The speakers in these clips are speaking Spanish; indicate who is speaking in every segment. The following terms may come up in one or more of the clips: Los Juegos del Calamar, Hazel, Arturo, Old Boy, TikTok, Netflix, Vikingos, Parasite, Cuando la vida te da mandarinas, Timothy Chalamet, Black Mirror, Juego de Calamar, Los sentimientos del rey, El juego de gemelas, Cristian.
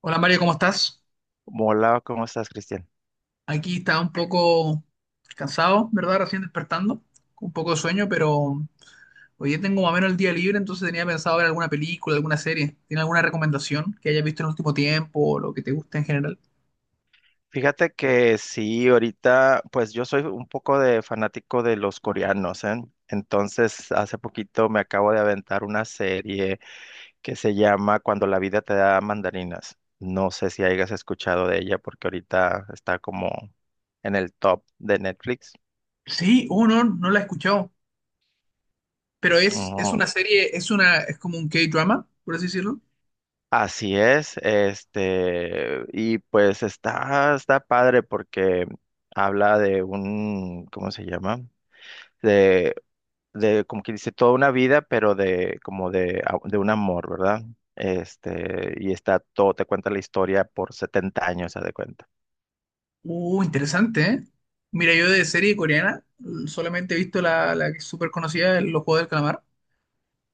Speaker 1: Hola Mario, ¿cómo estás?
Speaker 2: Hola, ¿cómo estás, Cristian?
Speaker 1: Aquí está un poco cansado, ¿verdad? Recién despertando, con un poco de sueño, pero hoy día tengo más o menos el día libre, entonces tenía pensado ver alguna película, alguna serie. ¿Tiene alguna recomendación que hayas visto en el último tiempo o lo que te guste en general?
Speaker 2: Fíjate que sí, ahorita, pues yo soy un poco de fanático de los coreanos, ¿eh? Entonces, hace poquito me acabo de aventar una serie que se llama Cuando la vida te da mandarinas. No sé si hayas escuchado de ella porque ahorita está como en el top de Netflix.
Speaker 1: Sí, oh, no, no la he escuchado, pero es
Speaker 2: Ujú.
Speaker 1: una serie, es una, es como un K-drama, por así decirlo.
Speaker 2: Así es, y pues está padre porque habla de un, ¿cómo se llama? Como que dice, toda una vida, pero de, como de, a- de un amor, ¿verdad? Y está todo, te cuenta la historia por 70 años, haz de cuenta.
Speaker 1: Interesante, ¿eh? Mira, yo de serie coreana solamente he visto la que es súper conocida, Los Juegos del Calamar.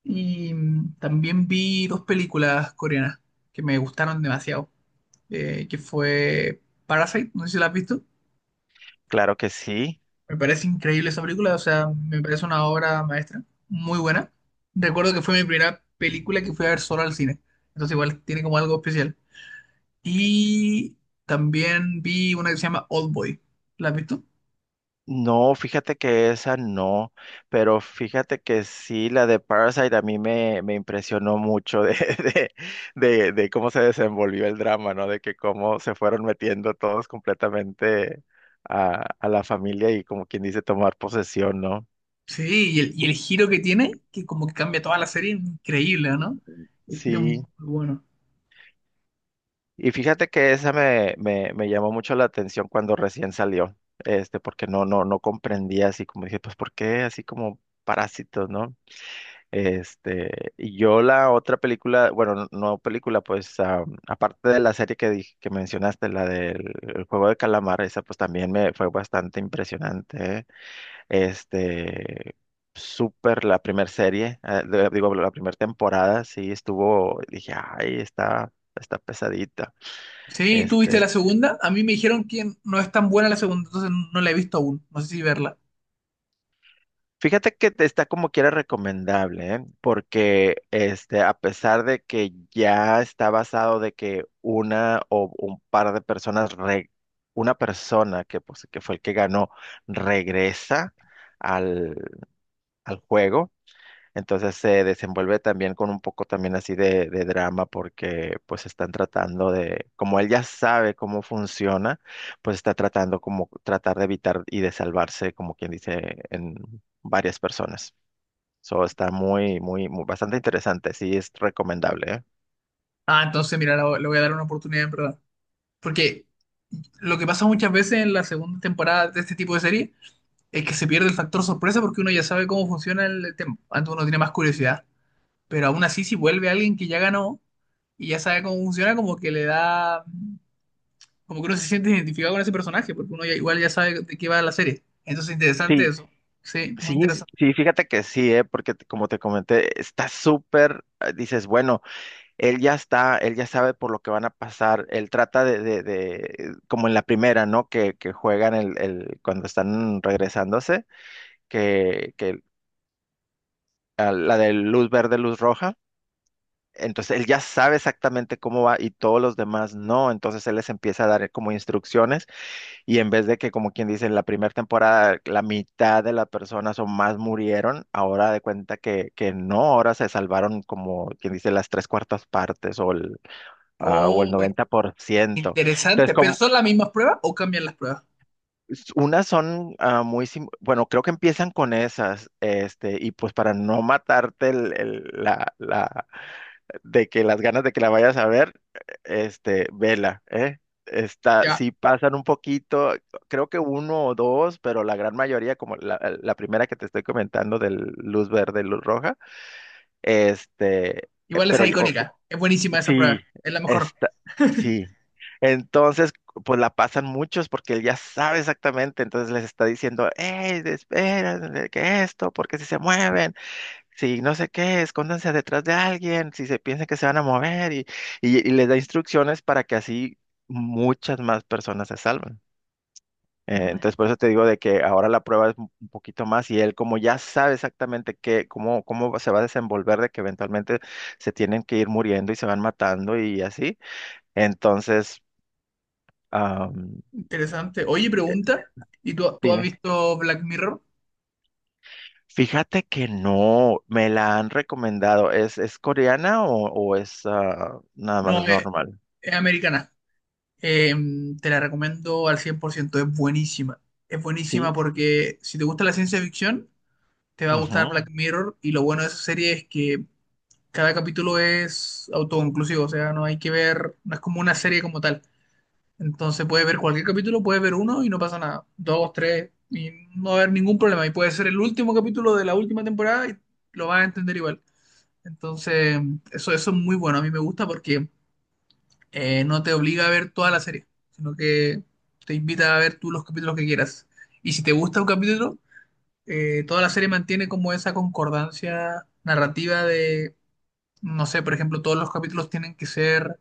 Speaker 1: Y también vi dos películas coreanas que me gustaron demasiado, que fue Parasite, no sé si la has visto.
Speaker 2: Claro que sí.
Speaker 1: Me parece increíble esa película, o sea, me parece una obra maestra, muy buena. Recuerdo que fue mi primera película que fui a ver solo al cine, entonces igual tiene como algo especial. Y también vi una que se llama Old Boy, ¿la has visto?
Speaker 2: No, fíjate que esa no, pero fíjate que sí, la de Parasite a me impresionó mucho de cómo se desenvolvió el drama, ¿no? De que cómo se fueron metiendo todos completamente a la familia y como quien dice tomar posesión, ¿no?
Speaker 1: Sí, y el giro que tiene, que como que cambia toda la serie, increíble, ¿no? El giro es muy
Speaker 2: Sí.
Speaker 1: bueno.
Speaker 2: Y fíjate que esa me llamó mucho la atención cuando recién salió, porque no comprendía así como dije, pues, ¿por qué así como parásitos, no? Este, y yo la otra película, bueno, no película, pues, aparte de la serie que dije, que mencionaste, la del el Juego de Calamar, esa pues también me fue bastante impresionante, ¿eh? Este, súper la primera serie, digo, la primera temporada, sí, dije, ay, está pesadita.
Speaker 1: Sí, ¿tú viste la
Speaker 2: Este,
Speaker 1: segunda? A mí me dijeron que no es tan buena la segunda, entonces no la he visto aún. No sé si verla.
Speaker 2: fíjate que te está como quiera recomendable, ¿eh? Porque este, a pesar de que ya está basado de que una o un par de una persona que, pues, que fue el que ganó, regresa al, al juego, entonces se desenvuelve también con un poco también así de drama porque pues están tratando de, como él ya sabe cómo funciona, pues está tratando como tratar de evitar y de salvarse, como quien dice, en varias personas. So, está muy bastante interesante. Sí, es recomendable, ¿eh?
Speaker 1: Ah, entonces mira, la- le voy a dar una oportunidad en verdad. Porque lo que pasa muchas veces en la segunda temporada de este tipo de serie es que se pierde el factor sorpresa porque uno ya sabe cómo funciona el tema. Antes uno tiene más curiosidad. Pero aún así, si vuelve alguien que ya ganó y ya sabe cómo funciona, como que le da, como que uno se siente identificado con ese personaje, porque uno ya- igual ya sabe de qué va la serie. Entonces, interesante
Speaker 2: Sí,
Speaker 1: eso. Sí,
Speaker 2: sí,
Speaker 1: muy interesante.
Speaker 2: sí, fíjate que sí, ¿eh? Porque como te comenté, está súper, dices, bueno, él ya sabe por lo que van a pasar. Él trata como en la primera, ¿no? Que juegan cuando están regresándose, que a la de luz verde, luz roja. Entonces él ya sabe exactamente cómo va y todos los demás no. Entonces él les empieza a dar como instrucciones. Y en vez de que, como quien dice, en la primera temporada la mitad de las personas o más murieron, ahora de cuenta que no, ahora se salvaron como quien dice las tres cuartas partes o el
Speaker 1: Oh,
Speaker 2: noventa por ciento. Entonces,
Speaker 1: interesante, pero ¿son las mismas pruebas o cambian las pruebas?
Speaker 2: unas son bueno, creo que empiezan con esas, y pues para no matarte de que las ganas de que la vayas a ver, vela, ¿eh? Está,
Speaker 1: Ya,
Speaker 2: sí pasan un poquito, creo que uno o dos, pero la gran mayoría, como la primera que te estoy comentando del luz verde, luz roja, este,
Speaker 1: igual esa
Speaker 2: pero
Speaker 1: es icónica, es buenísima esa prueba,
Speaker 2: sí,
Speaker 1: es la mejor.
Speaker 2: está, sí. Entonces, pues la pasan muchos porque él ya sabe exactamente, entonces les está diciendo, hey, espera, que esto, porque si se mueven, si no sé qué, escóndanse detrás de alguien, si se piensan que se van a mover, y les da instrucciones para que así muchas más personas se salven.
Speaker 1: Mm.
Speaker 2: Entonces, por eso te digo de que ahora la prueba es un poquito más y él como ya sabe exactamente qué, cómo se va a desenvolver, de que eventualmente se tienen que ir muriendo y se van matando y así. Entonces, am,
Speaker 1: Interesante. Oye,
Speaker 2: eh,
Speaker 1: pregunta, ¿y tú has
Speaker 2: dime,
Speaker 1: visto Black Mirror?
Speaker 2: fíjate que no, me la han recomendado. Es coreana o es nada más
Speaker 1: No,
Speaker 2: normal?
Speaker 1: es americana. Eh, te la recomiendo al 100%, es buenísima. Es
Speaker 2: Sí.
Speaker 1: buenísima porque si te gusta la ciencia ficción, te va a gustar
Speaker 2: Ujú.
Speaker 1: Black Mirror y lo bueno de esa serie es que cada capítulo es autoconclusivo, o sea, no hay que ver, no es como una serie como tal. Entonces puedes ver cualquier capítulo, puedes ver uno y no pasa nada. Dos, tres, y no va a haber ningún problema. Y puede ser el último capítulo de la última temporada y lo vas a entender igual. Entonces, eso es muy bueno. A mí me gusta porque no te obliga a ver toda la serie, sino que te invita a ver tú los capítulos que quieras. Y si te gusta un capítulo, toda la serie mantiene como esa concordancia narrativa de, no sé, por ejemplo, todos los capítulos tienen que ser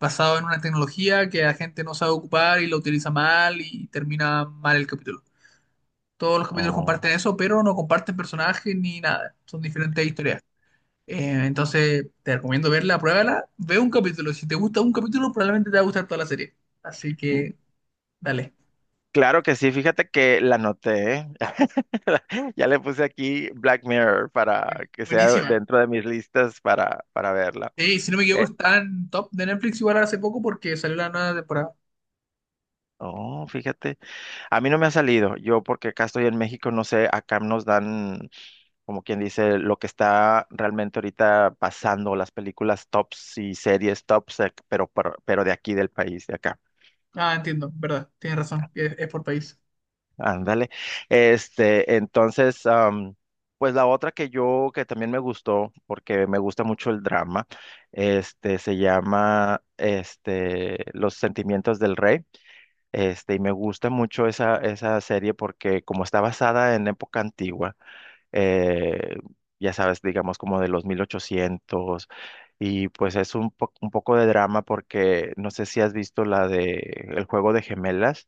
Speaker 1: basado en una tecnología que la gente no sabe ocupar y lo utiliza mal y termina mal el capítulo. Todos los capítulos
Speaker 2: Oh.
Speaker 1: comparten eso, pero no comparten personajes ni nada. Son diferentes historias. Entonces, te recomiendo verla, pruébala, ve un capítulo. Si te gusta un capítulo, probablemente te va a gustar toda la serie. Así
Speaker 2: N-
Speaker 1: que, dale.
Speaker 2: Claro que sí, fíjate que la noté. Ya le puse aquí Black Mirror para
Speaker 1: Buen-
Speaker 2: que sea
Speaker 1: Buenísima.
Speaker 2: dentro de mis listas para verla.
Speaker 1: Sí, si no me equivoco,
Speaker 2: Eh,
Speaker 1: está en top de Netflix igual hace poco porque salió la nueva temporada.
Speaker 2: oh, fíjate. A mí no me ha salido, yo porque acá estoy en México, no sé, acá nos dan, como quien dice, lo que está realmente ahorita pasando, las películas tops y series tops, pero de aquí del país, de acá.
Speaker 1: Ah, entiendo, verdad, tienes razón, es por país.
Speaker 2: Ándale. Entonces, pues la otra que yo, que también me gustó, porque me gusta mucho el drama, se llama, Los sentimientos del rey, y me gusta mucho esa serie porque como está basada en época antigua, eh, ya sabes, digamos como de los 1800, y pues es un, un poco de drama porque no sé si has visto la de El juego de gemelas,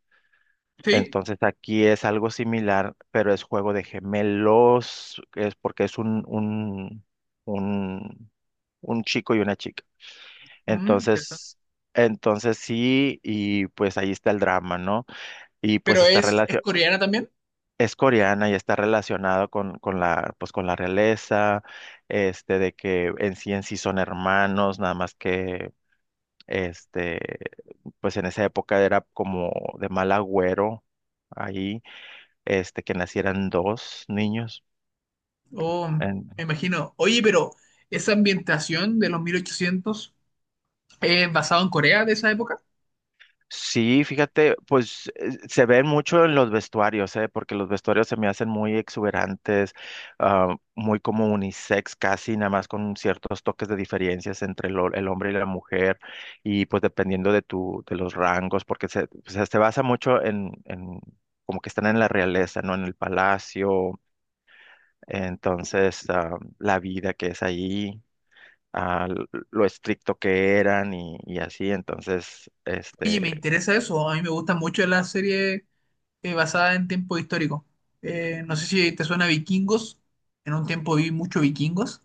Speaker 1: Sí,
Speaker 2: entonces aquí es algo similar, pero es juego de gemelos, es porque es un, un chico y una chica.
Speaker 1: mm, interesante.
Speaker 2: Entonces, entonces sí, y pues ahí está el drama, ¿no? Y pues
Speaker 1: Pero
Speaker 2: está
Speaker 1: es
Speaker 2: relacionado,
Speaker 1: coreana también.
Speaker 2: es coreana y está relacionado con la, pues con la realeza, de que en sí son hermanos, nada más que, este, pues en esa época era como de mal agüero ahí, que nacieran dos niños.
Speaker 1: Oh, me imagino. Oye, pero esa ambientación de los 1800 es basada en Corea de esa época.
Speaker 2: Sí, fíjate, pues se ven mucho en los vestuarios, ¿eh? Porque los vestuarios se me hacen muy exuberantes, muy como unisex casi, nada más con ciertos toques de diferencias entre el hombre y la mujer, y pues dependiendo de tu, de los rangos, porque se, o sea, se basa mucho en como que están en la realeza, ¿no? En el palacio, entonces la vida que es ahí, lo estricto que eran y así, entonces,
Speaker 1: Oye,
Speaker 2: este,
Speaker 1: me interesa eso. A mí me gusta mucho la serie basada en tiempo histórico. No sé si te suena Vikingos. En un tiempo vi mucho Vikingos.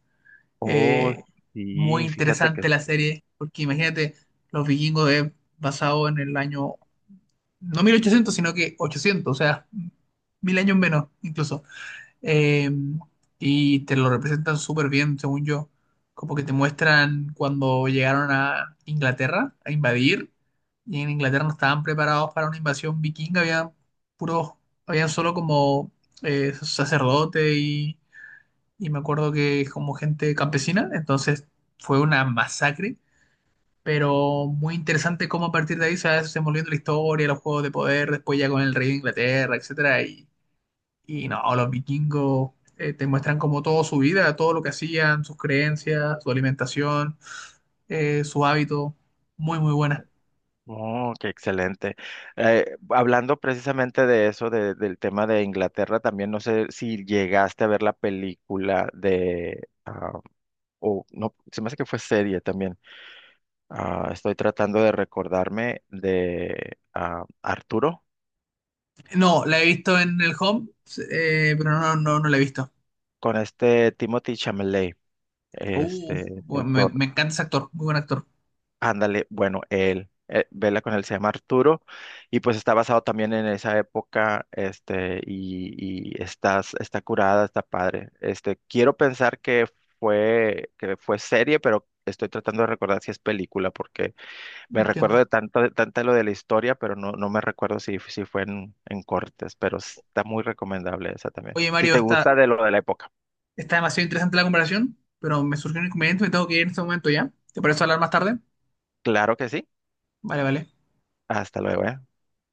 Speaker 2: oh,
Speaker 1: Eh, muy
Speaker 2: sí, fíjate que,
Speaker 1: interesante la serie, porque imagínate, los Vikingos es basado en el año, no 1800 sino que 800, o sea, 1000 años menos incluso. Eh, y te lo representan súper bien, según yo. Como que te muestran cuando llegaron a Inglaterra a invadir, y en Inglaterra no estaban preparados para una invasión vikinga, había puros, habían solo como sacerdote y me acuerdo que como gente campesina, entonces fue una masacre, pero muy interesante cómo a partir de ahí se va desenvolviendo la historia, los juegos de poder, después ya con el rey de Inglaterra, etcétera, y no, los vikingos te muestran como toda su vida, todo lo que hacían, sus creencias, su alimentación, su hábito. Muy, muy buena.
Speaker 2: oh, qué excelente. Hablando precisamente de eso, del tema de Inglaterra, también no sé si llegaste a ver la película de, o no, se me hace que fue serie también. Estoy tratando de recordarme de Arturo
Speaker 1: No, la he visto en el Home, pero no la he visto.
Speaker 2: con este Timothy Chalamet, este
Speaker 1: Bueno,
Speaker 2: actor.
Speaker 1: me encanta ese actor, muy buen actor.
Speaker 2: Ándale, bueno, él, vela con él, se llama Arturo, y pues está basado también en esa época, y está, está curada, está padre. Este, quiero pensar que fue serie, pero estoy tratando de recordar si es película, porque me
Speaker 1: Entiendo.
Speaker 2: recuerdo de tanto lo de la historia, pero no, no me recuerdo si fue en cortes, pero está muy recomendable esa también.
Speaker 1: Oye,
Speaker 2: Si
Speaker 1: Mario,
Speaker 2: te
Speaker 1: está,
Speaker 2: gusta de lo de la época,
Speaker 1: está demasiado interesante la comparación, pero me surgió un inconveniente, me tengo que ir en este momento ya. ¿Te parece hablar más tarde?
Speaker 2: claro que sí.
Speaker 1: Vale, vale.
Speaker 2: Hasta luego, ¿eh?